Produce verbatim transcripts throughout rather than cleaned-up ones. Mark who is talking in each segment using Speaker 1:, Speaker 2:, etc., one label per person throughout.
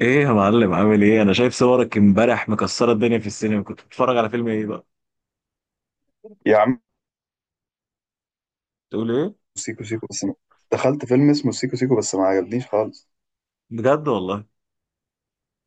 Speaker 1: ايه يا معلم، عامل ايه؟ انا شايف صورك امبارح مكسره الدنيا في السينما. كنت بتتفرج على فيلم ايه بقى؟
Speaker 2: يا عم
Speaker 1: تقول ايه؟
Speaker 2: سيكو سيكو بس ما. دخلت فيلم اسمه سيكو سيكو بس ما عجبنيش خالص.
Speaker 1: بجد والله؟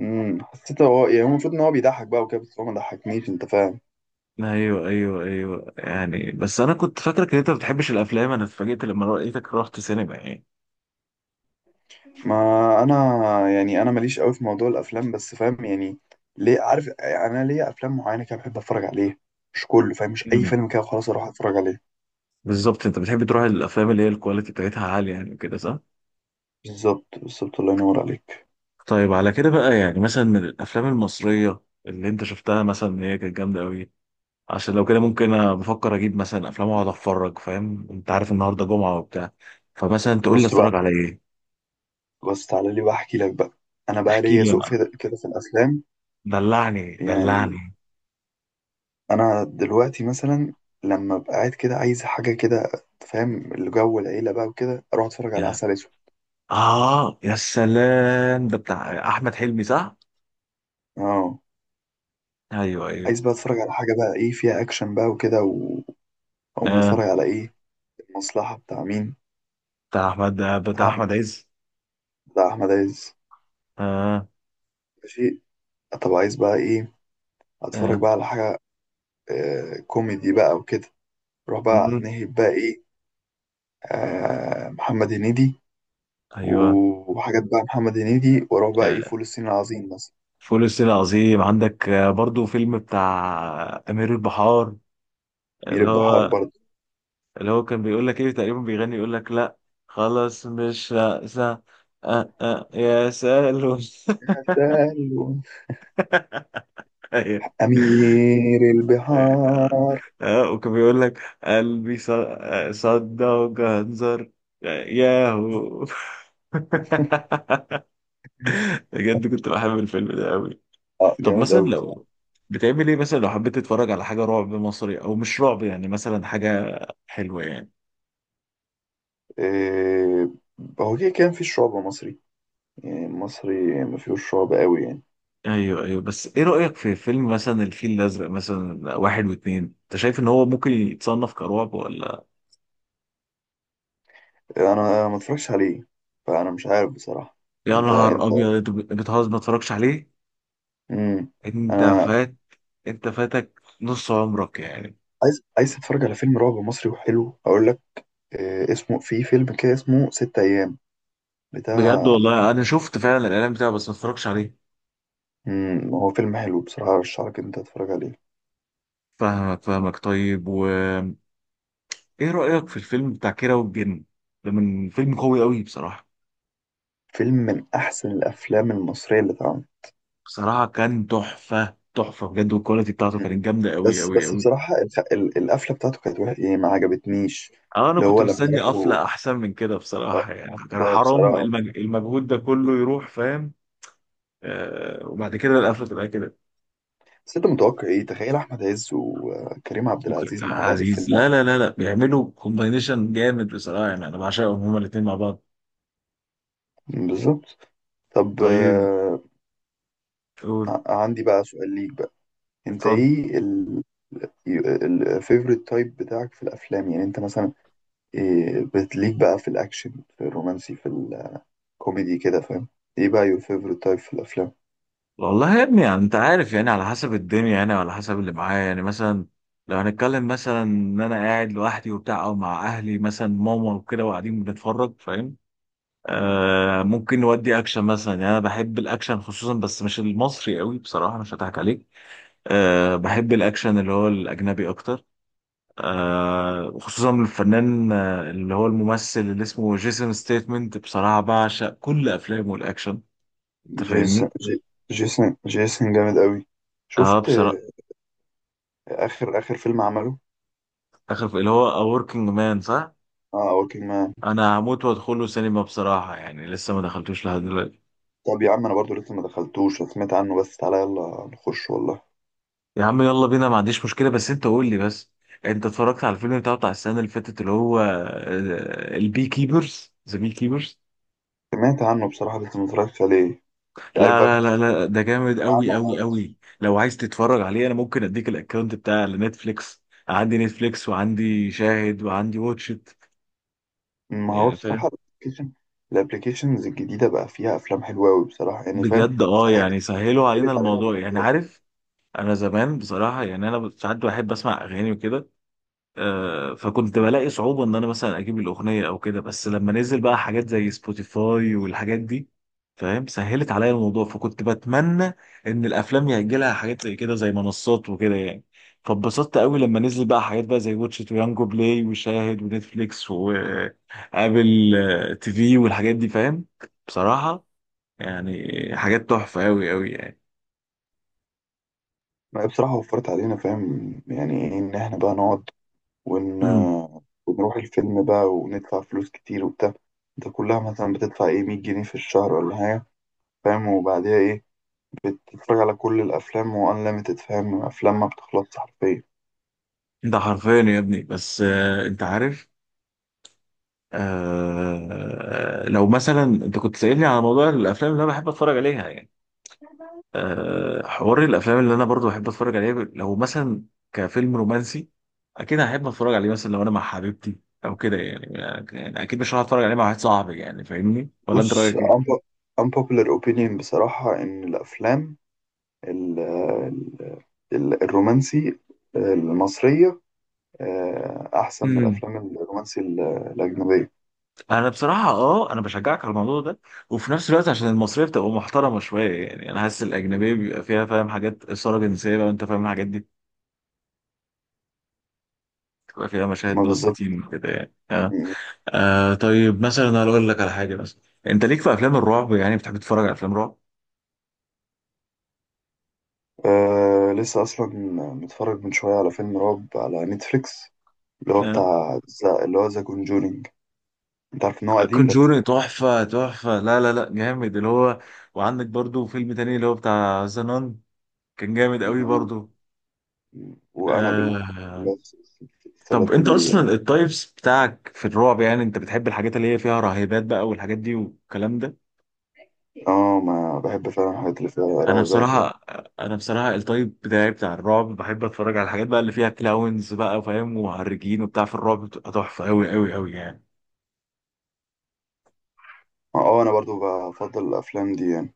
Speaker 2: امم حسيت هو يعني هو المفروض ان هو بيضحك بقى وكده، بس هو ما ضحكنيش، انت فاهم.
Speaker 1: ايوه ايوه ايوه، يعني بس انا كنت فاكرك ان انت ما بتحبش الافلام. انا اتفاجئت لما لقيتك رحت سينما يعني.
Speaker 2: ما انا يعني انا ماليش قوي في موضوع الافلام، بس فاهم يعني، ليه؟ عارف يعني انا ليا افلام معينه كده بحب اتفرج عليها، مش كله فاهم، مش اي
Speaker 1: امم
Speaker 2: فيلم كده خلاص اروح اتفرج عليه.
Speaker 1: بالظبط، انت بتحب تروح الافلام اللي هي الكواليتي بتاعتها عاليه يعني، كده صح؟
Speaker 2: بالظبط بالظبط، الله ينور عليك.
Speaker 1: طيب على كده بقى، يعني مثلا من الافلام المصريه اللي انت شفتها مثلا ان هي كانت جامده قوي، عشان لو كده ممكن انا بفكر اجيب مثلا افلام واقعد اتفرج، فاهم؟ انت عارف النهارده جمعه وبتاع، فمثلا تقول لي
Speaker 2: بص بقى،
Speaker 1: اتفرج على ايه؟
Speaker 2: بص تعالى لي بقى احكي لك بقى. انا بقى
Speaker 1: احكي
Speaker 2: ليا
Speaker 1: لي يا
Speaker 2: ذوق
Speaker 1: معلم،
Speaker 2: في- كده في الافلام.
Speaker 1: دلعني
Speaker 2: يعني
Speaker 1: دلعني.
Speaker 2: انا دلوقتي مثلا لما ابقى قاعد كده عايز حاجه كده، فاهم الجو العيله بقى وكده، اروح اتفرج على
Speaker 1: يا
Speaker 2: عسل اسود.
Speaker 1: اه يا سلام! ده بتاع احمد حلمي صح؟
Speaker 2: اه،
Speaker 1: ايوه ايوه.
Speaker 2: عايز بقى اتفرج على حاجه بقى ايه فيها اكشن بقى وكده و- واقوم
Speaker 1: آه.
Speaker 2: اتفرج على ايه؟ المصلحه بتاع مين؟
Speaker 1: بتاع احمد، آه،
Speaker 2: بتاع
Speaker 1: بتاع
Speaker 2: أحمد-
Speaker 1: احمد عز.
Speaker 2: بتاع احمد عز.
Speaker 1: اه.
Speaker 2: ماشي، طب عايز بقى ايه؟ اتفرج
Speaker 1: اه.
Speaker 2: بقى على حاجه آه كوميدي بقى وكده، اروح بقى
Speaker 1: مم.
Speaker 2: نهب بقى ايه؟ آه محمد هنيدي،
Speaker 1: ايوه.
Speaker 2: وحاجات بقى محمد هنيدي، واروح بقى ايه؟
Speaker 1: آه.
Speaker 2: فول الصين العظيم مثلا.
Speaker 1: فول الصين العظيم عندك، آه برضو فيلم بتاع آه، امير البحار.
Speaker 2: مير
Speaker 1: اللي
Speaker 2: البحار،
Speaker 1: هو اللي هو كان بيقول لك ايه تقريبا، بيغني يقول لك لا خلاص مش رأسة. آه آه يا سالو.
Speaker 2: برضه
Speaker 1: ايوه.
Speaker 2: أمير
Speaker 1: اه،
Speaker 2: البحار.
Speaker 1: آه، وكان بيقول لك قلبي ص- آه، صدى وجهنزر. ياهو. بجد كنت بحب الفيلم ده قوي.
Speaker 2: اه
Speaker 1: طب
Speaker 2: جامد
Speaker 1: مثلا
Speaker 2: أوي بصراحة.
Speaker 1: لو بتعمل ايه مثلا لو حبيت تتفرج على حاجة رعب مصري او مش رعب، يعني مثلا حاجة حلوة يعني.
Speaker 2: إيه، هو كده كان في شعب مصري، يعني مصري ما فيهوش شعب أوي يعني.
Speaker 1: ايوه ايوه، بس ايه رأيك في فيلم مثلا الفيل الازرق مثلا واحد واتنين؟ انت شايف ان هو ممكن يتصنف كرعب ولا؟
Speaker 2: أنا ما اتفرجش عليه، فأنا مش عارف بصراحة.
Speaker 1: يا
Speaker 2: أنت
Speaker 1: نهار
Speaker 2: أنت
Speaker 1: ابيض! أنت بتهزر، ما اتفرجش عليه؟
Speaker 2: مم.
Speaker 1: انت
Speaker 2: أنا
Speaker 1: فات، انت فاتك نص عمرك يعني.
Speaker 2: عايز، عايز أتفرج على فيلم رعب مصري وحلو، أقول لك إيه اسمه، في فيلم كده اسمه ست أيام،
Speaker 1: بجد
Speaker 2: بتاع.
Speaker 1: والله انا شفت فعلا الاعلان بتاعه بس ما اتفرجش عليه.
Speaker 2: مم. هو فيلم حلو بصراحة، أرشحلك إن أنت تتفرج عليه.
Speaker 1: فاهمك فاهمك. طيب وايه رايك في الفيلم بتاع كيرة والجن؟ ده من فيلم قوي قوي بصراحه.
Speaker 2: فيلم من أحسن الأفلام المصرية اللي اتعملت.
Speaker 1: بصراحه كان تحفه تحفه بجد، والكواليتي بتاعته كانت جامده قوي
Speaker 2: بس
Speaker 1: قوي
Speaker 2: بس
Speaker 1: قوي.
Speaker 2: بصراحة الخ... ال- القفلة بتاعته كانت وحشة يعني ما عجبتنيش.
Speaker 1: اه انا
Speaker 2: اللي
Speaker 1: كنت
Speaker 2: هو لما
Speaker 1: مستني
Speaker 2: راحوا،
Speaker 1: قفله احسن من كده
Speaker 2: آه،
Speaker 1: بصراحه، يعني كان
Speaker 2: آه،
Speaker 1: حرام
Speaker 2: بصراحة.
Speaker 1: المج... المجهود ده كله يروح، فاهم؟ آه وبعد كده القفله تبقى كده؟
Speaker 2: بس انت متوقع ايه؟ تخيل احمد عز وكريم عبد
Speaker 1: ممكن
Speaker 2: العزيز مع بعض في
Speaker 1: عزيز،
Speaker 2: فيلم
Speaker 1: لا
Speaker 2: واحد.
Speaker 1: لا لا لا بيعملوا كومباينيشن جامد بصراحه، يعني انا بعشقهم هما الاثنين مع بعض.
Speaker 2: بالظبط. طب
Speaker 1: طيب،
Speaker 2: آه،
Speaker 1: قول.
Speaker 2: ع- عندي بقى سؤال ليك بقى. انت
Speaker 1: اتفضل.
Speaker 2: ايه ال الفيفوريت تايب بتاعك في الافلام؟ يعني انت مثلا إيه بتليك بقى؟ في الاكشن، في الرومانسي، في الكوميدي كده، فاهم؟ ايه بقى يور فيفوريت تايب في الافلام؟
Speaker 1: والله يا ابني يعني انت عارف، يعني على حسب الدنيا، يعني على حسب اللي معايا، يعني مثلا لو هنتكلم مثلا ان انا قاعد لوحدي وبتاع او مع اهلي مثلا ماما وكده وقاعدين بنتفرج فاهم، آه ممكن نودي اكشن مثلا. يعني انا بحب الاكشن خصوصا، بس مش المصري قوي بصراحه، مش هضحك عليك. آه بحب الاكشن اللي هو الاجنبي اكتر. آه وخصوصا الفنان آه، اللي هو الممثل اللي اسمه جيسون ستيتمنت، بصراحة بعشق كل أفلامه الأكشن. أنت
Speaker 2: جيسون
Speaker 1: فاهمني؟
Speaker 2: جي- جيسون جيسون جامد قوي.
Speaker 1: اه
Speaker 2: شفت آه،
Speaker 1: بصراحة.
Speaker 2: اخر اخر فيلم عمله؟
Speaker 1: آخر في- اللي هو A Working Man صح؟
Speaker 2: اه، وركينج مان.
Speaker 1: أنا هموت وأدخله سينما بصراحة، يعني لسه ما دخلتوش لحد دلوقتي.
Speaker 2: طب يا عم انا برضو لسه ما دخلتوش، أنا سمعت عنه بس، تعالى يلا نخش والله.
Speaker 1: يا عم يلا بينا، ما عنديش مشكلة، بس أنت قول لي بس، أنت اتفرجت على الفيلم بتاعه بتاع السنة اللي فاتت اللي هو البي كيبرز، ذا بي كيبرز؟
Speaker 2: سمعت عنه بصراحة بس ما اتفرجتش عليه. عارف بقى،
Speaker 1: لا
Speaker 2: كنت
Speaker 1: لا لا لا، ده جامد
Speaker 2: سامع
Speaker 1: قوي
Speaker 2: عنه وما
Speaker 1: قوي قوي.
Speaker 2: عرفتش.
Speaker 1: لو عايز تتفرج عليه انا ممكن اديك الاكونت بتاع نتفليكس. عندي نتفليكس وعندي شاهد وعندي واتشت،
Speaker 2: ما هو
Speaker 1: يعني فاهم.
Speaker 2: بصراحة الابلكيشن الابلكيشنز الجديدة بقى فيها افلام حلوة قوي بصراحة، يعني فاهم
Speaker 1: بجد اه،
Speaker 2: سهلت،
Speaker 1: يعني سهلوا علينا
Speaker 2: سهلت علينا
Speaker 1: الموضوع يعني،
Speaker 2: الموضوع.
Speaker 1: عارف، انا زمان بصراحة يعني انا ساعات بحب اسمع اغاني وكده، آه، فكنت بلاقي صعوبة إن أنا مثلا أجيب الأغنية أو كده، بس لما نزل بقى حاجات زي سبوتيفاي والحاجات دي فاهم سهلت عليا الموضوع. فكنت بتمنى إن الأفلام يأجلها حاجات زي كده زي منصات وكده يعني. فاتبسطت قوي لما نزل بقى حاجات بقى زي واتش إت ويانجو بلاي وشاهد ونتفليكس وآبل آه، تي في والحاجات دي فاهم بصراحة، يعني حاجات تحفة قوي قوي يعني.
Speaker 2: ما هي بصراحة وفرت علينا، فاهم يعني إيه إن إحنا بقى نقعد، ون...
Speaker 1: مم.
Speaker 2: ونروح الفيلم بقى وندفع فلوس كتير وبتاع. انت كلها مثلا بتدفع ايه، مية جنيه في الشهر ولا حاجة، فاهم؟ وبعديها ايه؟ بتتفرج على كل الأفلام وأنليمتد، فاهم؟ أفلام ما بتخلصش حرفيا.
Speaker 1: ده حرفيا يا ابني، بس آه، انت عارف، آه لو مثلا انت كنت سألني على موضوع الافلام اللي انا بحب اتفرج عليها يعني، آه حوار الافلام اللي انا برضو بحب اتفرج عليها لو مثلا كفيلم رومانسي، اكيد هحب اتفرج عليه مثلا لو انا مع حبيبتي او كده يعني. يعني اكيد مش هروح اتفرج عليه مع واحد صاحبي يعني، فاهمني ولا انت
Speaker 2: بص
Speaker 1: رايك ايه؟
Speaker 2: unpo- unpopular opinion بصراحة، إن الأفلام ال ال ال الرومانسي المصرية آه، أحسن من
Speaker 1: امم
Speaker 2: الأفلام الرومانسي ال- الأجنبية.
Speaker 1: انا بصراحه اه انا بشجعك على الموضوع ده، وفي نفس الوقت عشان المصريه بتبقى محترمه شويه. يعني انا حاسس الاجنبيه بيبقى فيها فاهم حاجات اثاره جنسيه بقى، وانت فاهم الحاجات دي بتبقى فيها مشاهد
Speaker 2: ما
Speaker 1: بلس
Speaker 2: بالظبط.
Speaker 1: تمنتاشر وكده يعني آه. آه طيب مثلا هقول لك على حاجه مثلا، انت ليك في افلام الرعب؟ يعني بتحب تتفرج على افلام رعب؟
Speaker 2: آه لسه اصلا متفرج من شويه على فيلم رعب على نتفليكس، اللي هو
Speaker 1: آه.
Speaker 2: بتاع زا، اللي هو ذا كونجورينج. انت عارف ان هو قديم بس.
Speaker 1: كونجوري تحفه تحفه، لا لا لا جامد اللي هو. وعندك برضو فيلم تاني اللي هو بتاع زنان، كان جامد قوي
Speaker 2: زمان.
Speaker 1: برضو.
Speaker 2: وانابل،
Speaker 1: آه.
Speaker 2: بس
Speaker 1: طب
Speaker 2: السلاسل
Speaker 1: انت اصلا
Speaker 2: اللي،
Speaker 1: التايبس بتاعك في الرعب يعني، انت بتحب الحاجات اللي هي فيها رهيبات بقى والحاجات دي والكلام ده؟
Speaker 2: اه ما بحب فعلا الحاجات اللي فيها
Speaker 1: انا
Speaker 2: رهبات يعني.
Speaker 1: بصراحه انا بصراحه التايب بتاعي بتاع الرعب بحب اتفرج على الحاجات بقى اللي فيها كلاونز بقى فاهم ومهرجين وبتاع، في الرعب بتبقى تحفه قوي قوي قوي يعني.
Speaker 2: اه، آه، انا برضو بفضل الافلام دي يعني.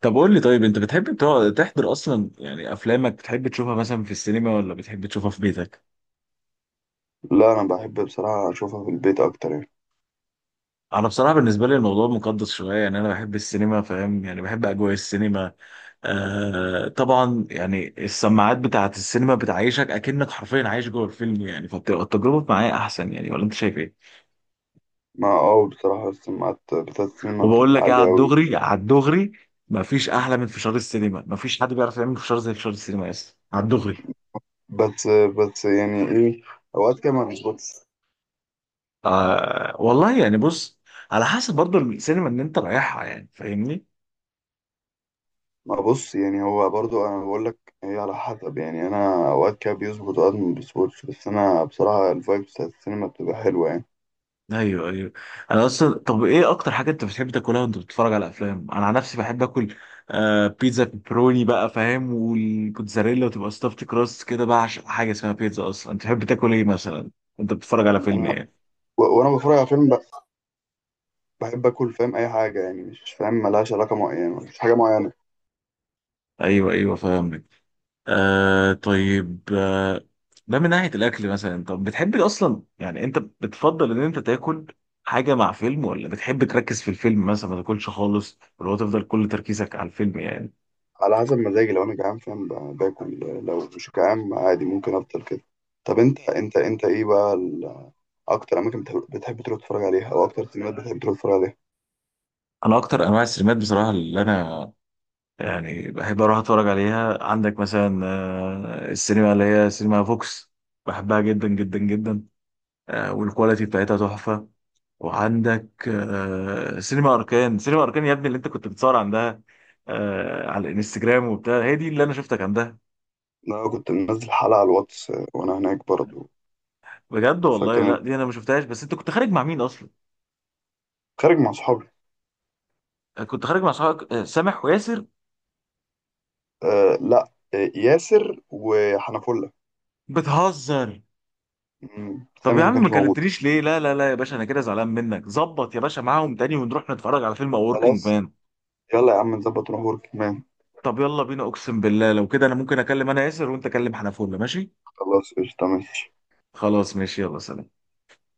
Speaker 1: طب قول لي طيب، انت بتحب تقعد- تحضر اصلا يعني افلامك؟ بتحب تشوفها مثلا في السينما ولا بتحب تشوفها في بيتك؟
Speaker 2: لا انا بحب بصراحه اشوفها في البيت اكتر يعني.
Speaker 1: انا بصراحه بالنسبه لي الموضوع مقدس شويه يعني، انا بحب السينما فاهم، يعني بحب اجواء السينما. آه طبعا يعني السماعات بتاعه السينما بتعيشك اكنك حرفيا عايش جوه الفيلم يعني، فبتبقى التجربه معايا احسن يعني، ولا انت شايف ايه؟
Speaker 2: ما اه بصراحه السماعات بتاعت السينما
Speaker 1: وبقول
Speaker 2: بتبقى
Speaker 1: لك ايه
Speaker 2: عاليه
Speaker 1: على
Speaker 2: قوي.
Speaker 1: الدغري على الدغري، مفيش احلى من فشار السينما. مفيش حد بيعرف يعمل فشار زي فشار السينما يا اسطى، على الدغري.
Speaker 2: بس بس يعني ايه، اوقات كده ما بيظبطش.
Speaker 1: آه والله يعني، بص على حسب برضو السينما اللي انت رايحها يعني، فاهمني.
Speaker 2: ما بص يعني هو برضو انا بقول لك هي على حسب، يعني انا اوقات كده بيظبط اوقات ما بيظبطش، بس انا بصراحه الفايبس بتاعت السينما بتبقى حلوه يعني.
Speaker 1: ايوه ايوه. انا اصلا، طب ايه اكتر حاجه انت بتحب تاكلها وانت بتتفرج على افلام؟ انا عن نفسي بحب اكل آه بيتزا بيبروني بقى فاهم، والكوتزاريلا، وتبقى ستافت كراست كده بقى، عشان حاجه اسمها بيتزا اصلا. انت بتحب تاكل ايه مثلا وانت بتتفرج على فيلم
Speaker 2: انا
Speaker 1: ايه؟
Speaker 2: و- وانا بتفرج على فيلم ب- بحب اكل فاهم اي حاجه، يعني مش فاهم ملهاش علاقه معينه، مش حاجه معينه.
Speaker 1: ايوه ايوه فاهم. آه طيب، آه ده من ناحية الأكل مثلا. طب بتحب أصلا يعني، أنت بتفضل إن أنت تاكل حاجة مع فيلم، ولا بتحب تركز في الفيلم مثلا ما تاكلش خالص، ولا هو تفضل كل تركيزك على الفيلم يعني؟
Speaker 2: على حسب مزاجي، لو انا جعان فاهم ب- باكل، لو مش جعان عادي ممكن افضل كده. طب انت انت انت ايه بقى ال- اكتر اماكن بتحب بتحب تروح تتفرج عليها، او اكتر سينمات بتحب تروح تتفرج عليها؟
Speaker 1: أنا أكتر أنواع السينمات بصراحة اللي أنا يعني بحب أروح أتفرج عليها، عندك مثلا آه السينما اللي هي سينما فوكس، بحبها جدا جدا جدا. آه والكواليتي بتاعتها تحفة. وعندك آه، سينما اركان. سينما اركان يا ابني اللي انت كنت بتصور عندها آه، على الانستجرام وبتاع، هي دي اللي انا شفتك عندها.
Speaker 2: انا كنت منزل حلقه على الواتس وانا هناك برضو.
Speaker 1: بجد والله؟ لا
Speaker 2: فكانت
Speaker 1: دي انا ما شفتهاش. بس انت كنت خارج مع مين اصلا؟
Speaker 2: خارج مع صحابي.
Speaker 1: آه، كنت خارج مع صحابك، آه، سامح وياسر؟
Speaker 2: آه لا، آه ياسر وحنفلة.
Speaker 1: بتهزر.
Speaker 2: مم،
Speaker 1: طب يا
Speaker 2: سامح ما
Speaker 1: عم ما
Speaker 2: كانش موجود.
Speaker 1: كلمتنيش ليه؟ لا لا لا يا باشا انا كده زعلان منك. ظبط يا باشا معاهم تاني ونروح نتفرج على فيلم اوركينج
Speaker 2: خلاص،
Speaker 1: مان.
Speaker 2: يلا يا عم نظبط نروح ورك مان.
Speaker 1: طب يلا بينا، اقسم بالله لو كده انا ممكن اكلم انا ياسر، وانت كلم حنفوله، ماشي؟
Speaker 2: خلاص قشطة ماشي.
Speaker 1: خلاص ماشي. يلا سلام.